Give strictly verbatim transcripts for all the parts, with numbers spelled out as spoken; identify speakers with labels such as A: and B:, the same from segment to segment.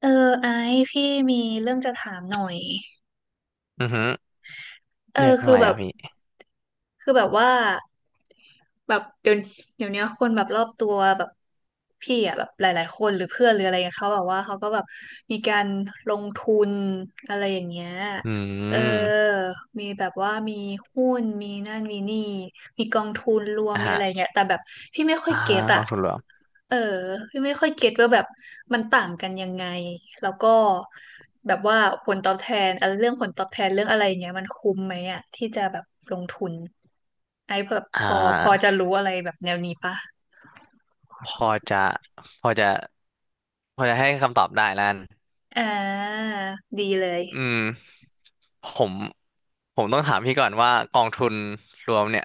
A: เออไอซ์พี่มีเรื่องจะถามหน่อย
B: อือฮึ
A: เอ
B: เรื่
A: อ
B: อง
A: คื
B: อะ
A: อ
B: ไร
A: แบบ
B: อ่ะพี่
A: คือแบบว่าแบบเดี๋ยวเดี๋ยวนี้คนแบบรอบตัวแบบพี่อะแบบหลายๆคนหรือเพื่อนหรืออะไรเงี้ยเขาแบบว่าเขาก็แบบมีการลงทุนอะไรอย่างเงี้ย
B: อื
A: เออ
B: ม
A: มีแบบว่ามีหุ้นมีนั่นมีนี่มีกองทุนรวม
B: อ่ะ
A: มีอะ
B: ฮะ
A: ไรเงี้ยแต่แบบพี่ไม่ค่อย
B: อ่า
A: เก็ต
B: ก
A: อะ
B: องทุนรวม
A: เออพี่ไม่ค่อยเก็ตว่าแบบมันต่างกันยังไงแล้วก็แบบว่าผลตอบแทนอะไรเรื่องผลตอบแทนเรื่องอะไรเงี้ยมันคุ้มไหมอ่ะที่จะแบบลงทุนไอ้แบบ
B: อ่
A: พอพอจะ
B: า
A: รู้อะไรแบบแนวนี้ปะ
B: พอจะพอจะพอจะให้คำตอบได้แล้วกัน
A: อ่าดีเลย
B: อืมผมผมต้องถามพี่ก่อนว่ากองทุนรวมเนี่ย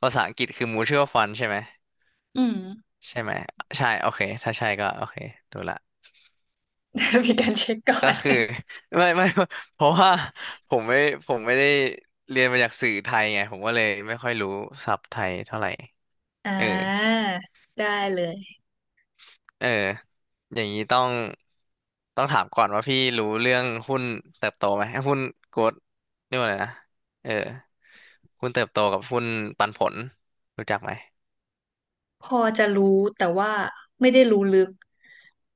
B: ภาษาอังกฤษคือ mutual fund ใช่ไหม
A: อืม
B: ใช่ไหมใช่โอเคถ้าใช่ก็โอเคดูละ
A: มีการเช็คก่อ
B: ก็
A: น
B: คือ ไม่ไม่ เพราะว่าผมไม่ผมไม่ได้เรียนมาจากสื่อไทยไงผมก็เลยไม่ค่อยรู้ศัพท์ไทยเท่าไหร่
A: อ่
B: เออ
A: าได้เลย
B: เอออย่างนี้ต้องต้องถามก่อนว่าพี่รู้เรื่องหุ้นเติบโตไหมหุ้นโกลดเรียกว่าอะไรนะเออหุ้นเติบโตกับหุ้นปันผลรู้จักไหม
A: พอจะรู้แต่ว่าไม่ได้รู้ลึก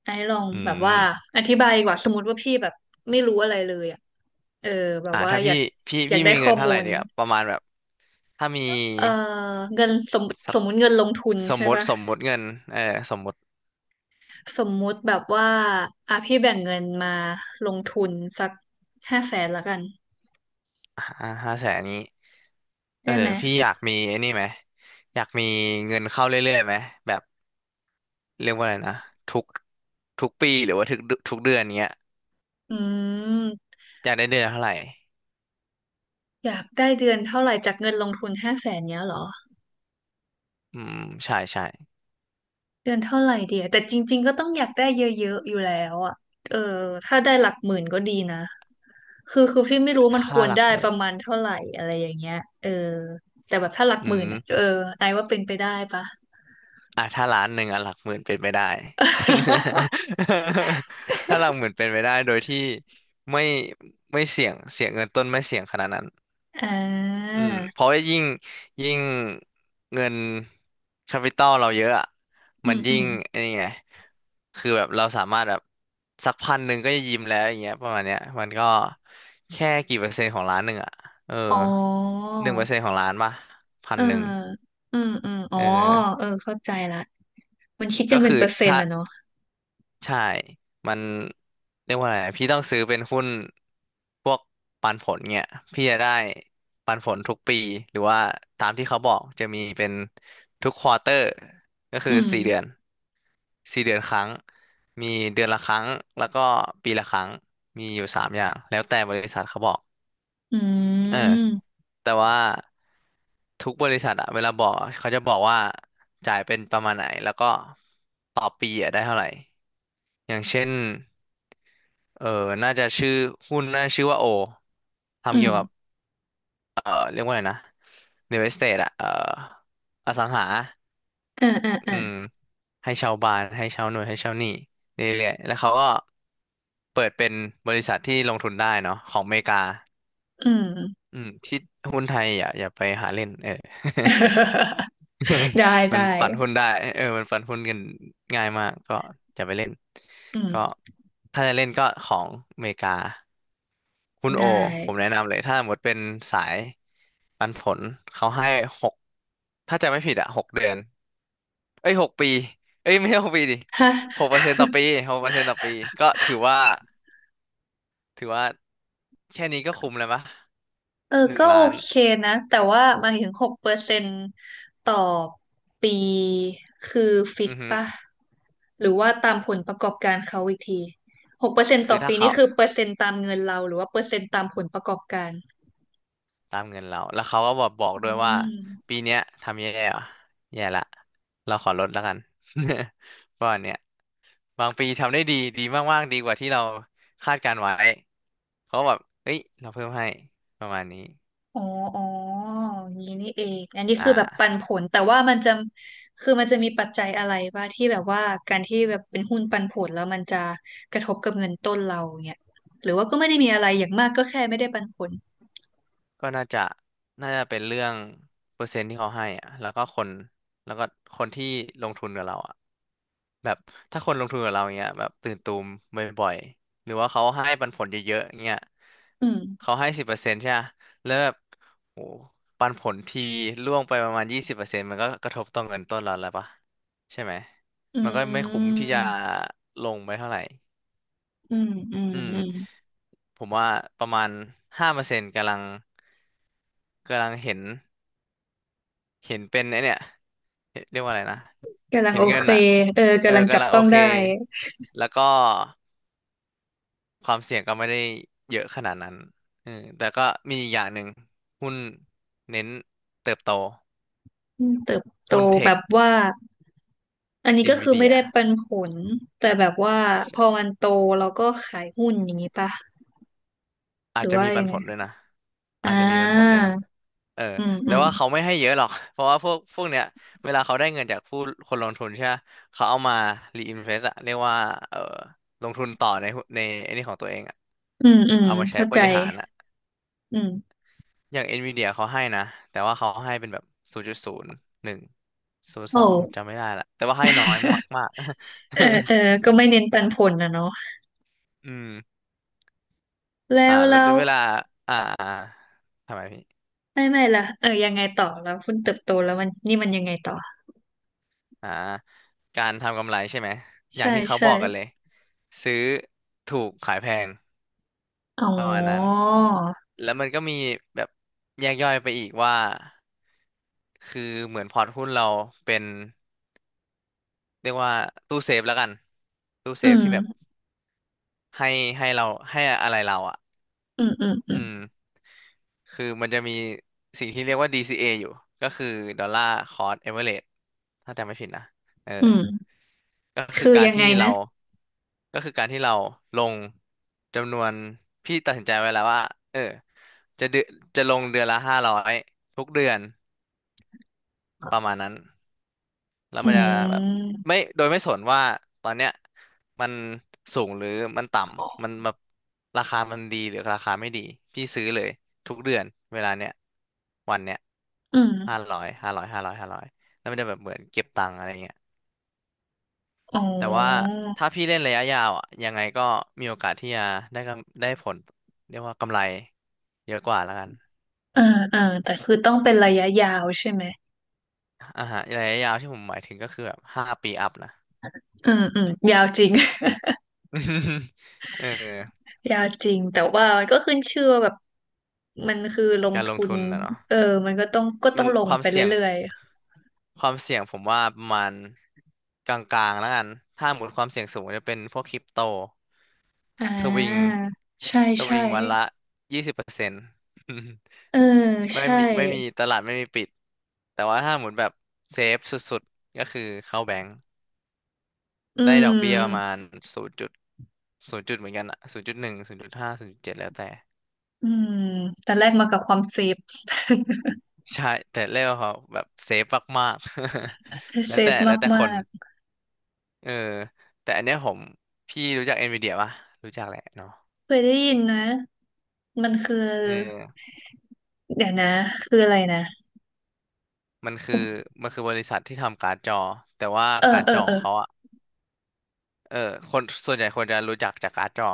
A: ไอ้ลอง
B: อื
A: แบบว่า
B: ม
A: อธิบายดีกว่าสมมติว่าพี่แบบไม่รู้อะไรเลยอ่ะเออแบบ
B: อ่า
A: ว่า
B: ถ้า
A: อ
B: พี่
A: ยาก
B: พี่
A: อยาก
B: พี่
A: ได้
B: มี
A: ข้
B: เงิ
A: อ
B: นเท่า
A: มู
B: ไหร่
A: ล
B: เดียวประมาณแบบถ้ามี
A: เอ่อเงินสม
B: สั
A: ส
B: ก
A: มมุติเงินลงทุน
B: สม
A: ใช่
B: มติ
A: ปะ
B: สมมติเงินเออสมมติ
A: สมมุติแบบว่าอ่ะพี่แบ่งเงินมาลงทุนสักห้าแสนละกัน
B: ห้าแสนนี้เอ
A: ได้
B: อ
A: ไหม
B: พี่อยากมีไอ้นี่ไหมอยากมีเงินเข้าเรื่อยๆไหมแบบ เรียกว่าอะไรนะทุกทุกปีหรือว่าทุกเทุกเดือนเนี้ย
A: อืม
B: อยากได้เดือนละเท่าไหร่
A: อยากได้เดือนเท่าไหร่จากเงินลงทุนห้าแสนเนี้ยเหรอ
B: อืมใช่ใช่
A: เดือนเท่าไหร่เดียแต่จริงๆ ก็ต้องอยากได้เยอะๆอยู่แล้วอ่ะเออถ้าได้หลักหมื่นก็ดีนะคือคือพี่ไม่รู้มันค
B: ถ้า
A: วร
B: หลัก
A: ได้
B: ห
A: ป
B: มื่
A: ระ
B: น
A: มาณเท่าไหร่อะไรอย่างเงี้ย เออ แต่แบบถ้าหลัก
B: อื
A: หมื่น
B: ม
A: อ่ะเออไอว่าเป็นไปได้ปะ
B: อ่ะถ้าล้านหนึ่งอ่ะหลักหมื่นเป็นไปได้ ถ้าหลักหมื่นเป็นไปได้โดยที่ไม่ไม่เสี่ยงเสี่ยงเงินต้นไม่เสี่ยงขนาดนั้น
A: อ่า
B: อืมเพราะว่ายิ่งยิ่งเงินแคปิตอลเราเยอะอะ
A: อื
B: มัน
A: มอื
B: ยิ่ง
A: ม
B: ไอ้นี่ไงคือแบบเราสามารถแบบสักพันหนึ่งก็จะยิ้มแล้วอย่างเงี้ยประมาณเนี้ยมันก็แค่กี่เปอร์เซ็นต์ของล้านหนึ่งอะเออ
A: อ๋อ
B: หนึ่งเปอร์เซ็นต์ของล้านป่ะพั
A: เอ
B: น
A: อ
B: หนึ่ง
A: อืมอืมอ๋อ
B: เออ
A: เออเข้าใจละ มันคิดกั
B: ก็
A: นเป็น
B: คือ
A: เปอร์เซ็น
B: ถ้า
A: ต์อะเนาะ
B: ใช่มันเรียกว่าอะไรอะพี่ต้องซื้อเป็นหุ้นพวกปันผลเนี่ยพี่จะได้ปันผลทุกปีหรือว่าตามที่เขาบอกจะมีเป็นทุกควอเตอร์ก็คื
A: อื
B: อ
A: ม
B: สี่เดือนสี่เดือนครั้งมีเดือนละครั้งแล้วก็ปีละครั้งมีอยู่สามอย่างแล้วแต่บริษัทเขาบอก
A: อื
B: เออ
A: ม
B: แต่ว่าทุกบริษัทอะเวลาบอกอะเขาจะบอกว่าจ่ายเป็นประมาณไหนแล้วก็ต่อปีอะได้เท่าไหร่อย่างเช่น เออน่าจะชื่อหุ้นน่าจะชื่อว่าโอ
A: อื
B: ทำเกี่ยวกับ
A: ม
B: เออเรียกว่าอะไรนะ real estate อะเอออสังหา
A: เอ่าอ่า
B: อื
A: อ่า
B: มให้ชาวบ้านให้ชาวหน่วยให้ชาวหนี้เรื่อยๆแล้วเขาก็เปิดเป็นบริษัทที่ลงทุนได้เนาะของอเมริกา
A: อืม
B: อืมที่หุ้นไทยอย่าอย่าไปหาเล่นเออ
A: ได้
B: มัน
A: ได้
B: ปั่นหุ้นได้เออมันปั่นหุ้นกันง่ายมากก็อย่าไปเล่น
A: อื
B: ก็
A: ม
B: ถ้าจะเล่นก็ของอเมริกา คุณโอ
A: ได้
B: ผมแนะนำเลยถ้าหมดเป็นสายปันผลเขาให้หกถ้าจะไม่ผิดอะหกเดือนเอ้ยหกปีเอ้ยไม่ใช่หกปีดิ
A: ฮะ
B: หกเปอร์เซ็นต์ต่อปีหกเปอร์เซ็นต์ต่อปีก็ถือว่าถือว่าแค่นี้ก็คุ้มแล้วปะ
A: เออ
B: หนึ่ง
A: ก็โอ
B: ล้าน
A: เคนะแต่ว่าหมายถึงหกเปอร์เซ็นต์ต่อปีคือฟิก
B: อือฮึ
A: ป่ะหรือว่าตามผลประกอบการเขาอีกทีหกเปอร์เซ็นต์ต่
B: คือ
A: อ
B: ถ้า
A: ปี
B: เขา
A: นี่คือเปอร์เซ็นต์ตามเงินเราหรือว่าเปอร์เซ็นต์ตามผลประกอบการ
B: ตามเงินเรา แล้วเขาก็บอกบอก
A: อื
B: ด้วยว่า
A: ม
B: ปีเนี้ยทำแย่ว่ะแย่ละ เราขอลดแล้วกัน เพราะมาณเนี้ยบางปีทำได้ดีดีมากๆดีกว่าที่เราคาดการไว้เขาก็แบบเฮ้ยเราเพิ่มให้ประมาณนี้
A: อ๋ออ๋ออย่างนี้นี่เองอันนี้
B: อ
A: คือแบบปั
B: ่า
A: นผลแต่ว่ามันจะคือมันจะมีปัจจัยอะไรบ้างที่แบบว่าการที่แบบเป็นหุ้นปันผลแล้วมันจะกระทบกับเงินต้นเราเนี่ยหรือว่าก็ไม่ได้มีอะไรอย่างมากก็แค่ไม่ได้ปันผล
B: ก็น่าจะน่าจะเป็นเรื่องเปอร์เซ็นต์ที่เขาให้อ่ะแล้วก็คนแล้วก็คนที่ลงทุนกับเราอ่ะ แบบถ้าคนลงทุนกับเราเงี้ยแบบตื่นตูมบ่อยๆหรือว่าเขาให้ปันผลเยอะๆเงี้ย
A: อืม
B: เขาให้สิบเปอร์เซ็นต์ใช่ไหมแล้วแบบโหปันผลทีร่วงไปประมาณยี่สิบเปอร์เซ็นต์มันก็กระทบต่อเงินต้นเราแล้วปะใช่ไหม
A: อื
B: มันก็ไม่คุ้มที่จะ
A: ม
B: ลงไปเท่าไหร่
A: อืมอืม
B: อืม
A: อืม
B: ผมว่าประมาณห้าเปอร์เซ็นต์กำลังกำลังเห็น เห็นเป็นไอเนี่ยเรียกว่าอะไรนะ
A: กำลัง
B: เห็น
A: โอ
B: เงิ
A: เค
B: นอ่ะ
A: เออ
B: เออ
A: กำลังจั
B: กำ
A: บ
B: ลังโอ
A: ต้อง
B: เค
A: ได้
B: แล้วก็ความเสี่ยงก็ไม่ได้เยอะขนาดนั้นเออแต่ก็มีอีกอย่างหนึ่งหุ้นเน้นเติบโต
A: อืมเติบโต
B: หุ้นเท
A: แบ
B: ค
A: บว่าอันนี้
B: เอ็
A: ก็
B: นวี
A: คือ
B: เดี
A: ไม่
B: ย
A: ได้ปันผลแต่แบบว่าพอมันโตเราก็ขายหุ้นอย่างนี้ปะห
B: อาจ
A: รือ
B: จะ
A: ว่า
B: มีปั
A: ยั
B: น
A: งไง
B: ผลด้วยนะ
A: อ่
B: อาจจะมีปันผลด้
A: า
B: วยนะเออ
A: อืมอื
B: แต่
A: ม
B: ว่าเขาไม่ให้เยอะหรอก เพราะว่าพวกพวกเนี้ยเวลาเขาได้เงินจากผู้คนลงทุนใช่ปะเขาเอามารีอินเวสอะเรียกว่าเออลงทุนต่อในหุ้นในไอ้นี่ของตัวเองอะ
A: อืมอืม
B: เอามาใช้
A: เข้า
B: บ
A: ใจ
B: ริหารอะ
A: อืม
B: อย่างเอ็นวีเดียเขาให้นะแต่ว่าเขาให้เป็นแบบศูนย์จุดศูนย์หนึ่งศูนย์สองผม
A: โอ้
B: จำไม่ได้ละแต่ว่าให้น้อยมาก
A: เออเออ
B: ๆ
A: ก็ไม่เน้นปันผลนะเนาะ
B: อืม
A: แล้
B: อ่า
A: ว
B: แล้ว
A: แล้ว
B: เวลาอ่าอ่าทำไมพี่
A: ไม่ไม่ละเออยังไงต่อแล้วคุณเติบโตแล้วมันนี่มันยังไงต่อ
B: อ่าการทำกำไรใช่ไหม อย่าง
A: ใช่
B: ที่เขาบ
A: ใช่
B: อกกันเลย ซื้อถูกขายแพง
A: อ๋อ
B: แล้วมันก็มีแบบแยกย่อยไปอีกว่า คือเหมือนพอร์ตหุ้นเราเป็นเรียกว่าตู้เซฟแล้วกัน ตู้เซ
A: อื
B: ฟที่แบบ
A: ม
B: ให้ให้เราให้อะไรเราอ่ะ
A: อืมอืมอื
B: อื
A: ม
B: มคือมันจะมีสิ่งที่เรียกว่า ดี ซี เอ ออยู่ ก็คือดอลลาร์คเอเวอเรจถ้าจำไม่ผิดนะเออ
A: อืม
B: ก็คื
A: คื
B: อ
A: อ
B: การ
A: ยังไง
B: ที่
A: นะ
B: เราก็คือการที่เราลงจำนวนพี่ตัดสินใจไว้แล้วว่าเออจะเดือนจะลงเดือนละห้าร้อยทุกเดือนประมาณนั้น แล้ว
A: อื
B: มันจะแบบ
A: ม
B: ไม่โดยไม่สนว่าตอนเนี้ยมันสูงหรือมันต่ำมันแบบราคามันดีหรือราคาไม่ดีพี่ซื้อเลยทุกเดือนเวลาเนี้ยวันเนี้ย
A: อืม
B: ห้าร้อยห้าร้อยห้าร้อยห้าร้อยแล้วมันจะแบบเหมือนเก็บตังค์อะไรเงี้ย
A: อ๋อ
B: แต่ว่าถ้าพี่เล่นระยะยาวอ่ะยังไงก็มีโอกาสที่จะได้กำได้ผลเรียกว่ากำไรเยอะกว่าแล้วกัน
A: เออเออแต่คือต้องเป็นระยะยาวใช่ไหม
B: อ่าฮะระยะยาวที่ผมหมายถึงก็คือแบบห้าปีอัพนะ
A: อืมอืมยาวจริง
B: เออ
A: ยากจริงแต่ว่ามันก็ขึ้นชื่อว่าแบบมันคือลง
B: การลง
A: ทุน
B: ทุนนะเนาะ
A: เออมันก็ต้องก็ต้
B: มั
A: อง
B: น
A: ล
B: ค
A: ง
B: วาม
A: ไป
B: เสี่ยง
A: เรื่อย
B: ความเสี่ยงผมว่าประมาณกลางๆแล้วกันถ้าหมดความเสี่ยงสูงจะเป็นพวกคริปโต
A: ๆอ่
B: สวิง
A: าใช่
B: ส
A: ใช่
B: วิงวันละยี่สิบเปอร์เซ็นต์
A: เออ
B: ไม่
A: ใช่
B: มีไม่มีตลาดไม่มีปิดแต่ว่าถ้าหมุนแบบเซฟสุดๆก็คือเข้าแบงก์
A: ๆอื
B: ได้ดอกเบี้ยประมา
A: ม
B: ณศูนย์จุดศูนย์จุดเหมือนกันอะศูนย์จุดหนึ่งศูนย์จุดห้าศูนย์จุดเจ็ดแล้วแต่
A: อืมแต่แรกมากับความเซฟ
B: ใช่แต่เรียกว่าเขาแบบเซฟมากๆ แล้
A: เซ
B: วแต่
A: ฟ
B: แล้วแต่ค
A: มา
B: น
A: ก
B: เออแต่อันเนี้ยผมพี่รู้จักเอ็นวีดีปะรู้จักแหละเนาะ
A: ๆเคยได้ยินนะมันคือ
B: เออ
A: เดี๋ยวนะคืออะไรนะ
B: มันคือมันคือบริษัทที่ทำการ์ดจอแต่ว่า
A: เออ
B: การ์ด
A: เออ
B: จอ
A: เอ
B: ข
A: อ
B: องเขาอะ เออคนส่วนใหญ่คนจะรู้จักจากการ์ดจอ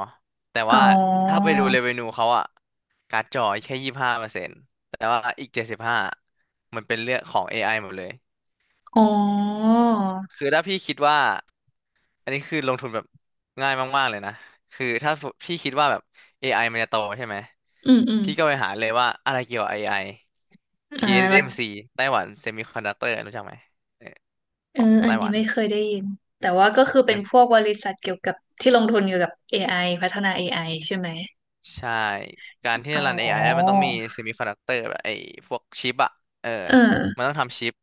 B: แต่
A: อ๋อ
B: ว่าถ้าไปดูเรเวนูเขาอะการ์ดจอแค่ยี่สิบห้าเปอร์เซ็นต์แต่ว่าอีกเจ็ดสิบห้ามันเป็นเรื่องของ เอ ไอ หมดเลย
A: อ๋อ
B: คือถ้าพี่คิดว่าอันนี้คือลงทุนแบบง่ายมากๆเลยนะคือถ้าพี่คิดว่าแบบ เอ ไอ มันจะโตใช่ไหม
A: อืมอืม
B: พี่ก็ไปหาเลยว่าอะไรเกี่ยวกับ เอ ไอ t
A: อ่าแล้ว
B: ม m c ไต้หวันเซมิคอนดักเตอร์รู้จักไหมเออข
A: เออ
B: อง
A: อั
B: ไต้
A: น
B: ห
A: นี้
B: วัน
A: ไม่เคยได้ยินแต่ว่าก็คือเป็
B: มั
A: น
B: น
A: พวกบริษัทเกี่ยวกับที่ลงทุนเกี่ยวกับ เอ ไอ พัฒนา เอ ไอ ใช่ไหม
B: ใช่การที่
A: อ๋
B: จะ
A: อ
B: รัน เอ ไอ ไอได้มันต้องมี semiconductor แบบไอ้พวกชิปอะ เออ
A: เอ
B: มัน
A: อ
B: ต้องทำชิป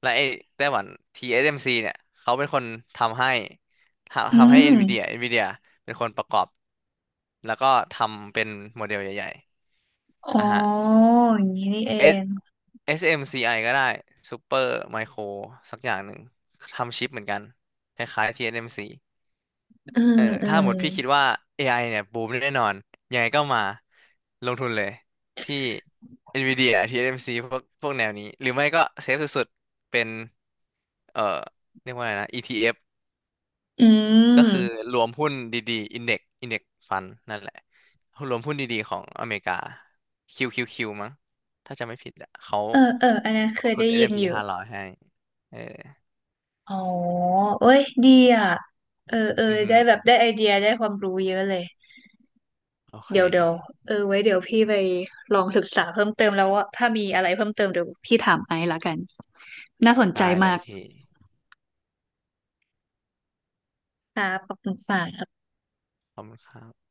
B: และไอ้ไต้หวัน ที เอส เอ็ม ซี เอสเอ็มซีเนี่ยเขาเป็นคนทำให้
A: อื
B: ทำทำให้ NVIDIA
A: ม
B: NVIDIA เป็นคนประกอบ แล้วก็ทำเป็นโมเดลใหญ่
A: อ๋
B: ๆ
A: อ
B: อ่ะฮะ
A: อย่างนี้นี่เอ
B: S
A: ง
B: เอส เอ็ม ซี ไอ ก็ได้ Super Micro สักอย่างหนึ่งทำชิปเหมือนกันคล้ายๆ ที เอส เอ็ม ซี
A: เออ
B: เออ
A: เออ
B: ถ้าหมดพี่คิดว่า เอ ไอ เนี่ยบูมแน่นอนยังไงก็มาลงทุนเลยที่ NVIDIA ที เอส เอ็ม ซี พวกพวกแนวนี้หรือไม่ก็เซฟสุดๆเป็นเอ่อเรียกว่าอะไรนะ อี ที เอฟ
A: อื
B: ก็
A: ม
B: คือรวมหุ้นดีๆ Index Index Fund นั่นแหละรวมหุ้นดีๆของอเมริกา คิว คิว คิว มั้งถ้าจะไม่ผิดอะเขา
A: เออเอออันนั้น
B: ล
A: เค
B: ง
A: ย
B: ทุน s
A: ได้ยินอยู่
B: ร้อยให้เออ
A: อ๋อเอ้ยดีอ่ะเออเออ
B: อือฮึ
A: ได้แบบได้ไอเดียได้ความรู้เยอะเลย
B: โอเค
A: เดี๋ยวเดี๋ยวเออไว้เดี๋ยวพี่ไปลองศึกษาเพิ่มเติมแล้วว่าถ้ามีอะไรเพิ่มเติมเดี๋ยวพี่ถามไอซ์ละกัน น่าสนใจ
B: ได้เล
A: มา
B: ย
A: ก
B: พี่
A: ครับขอบคุณค่ะ
B: ขอบคุณครับ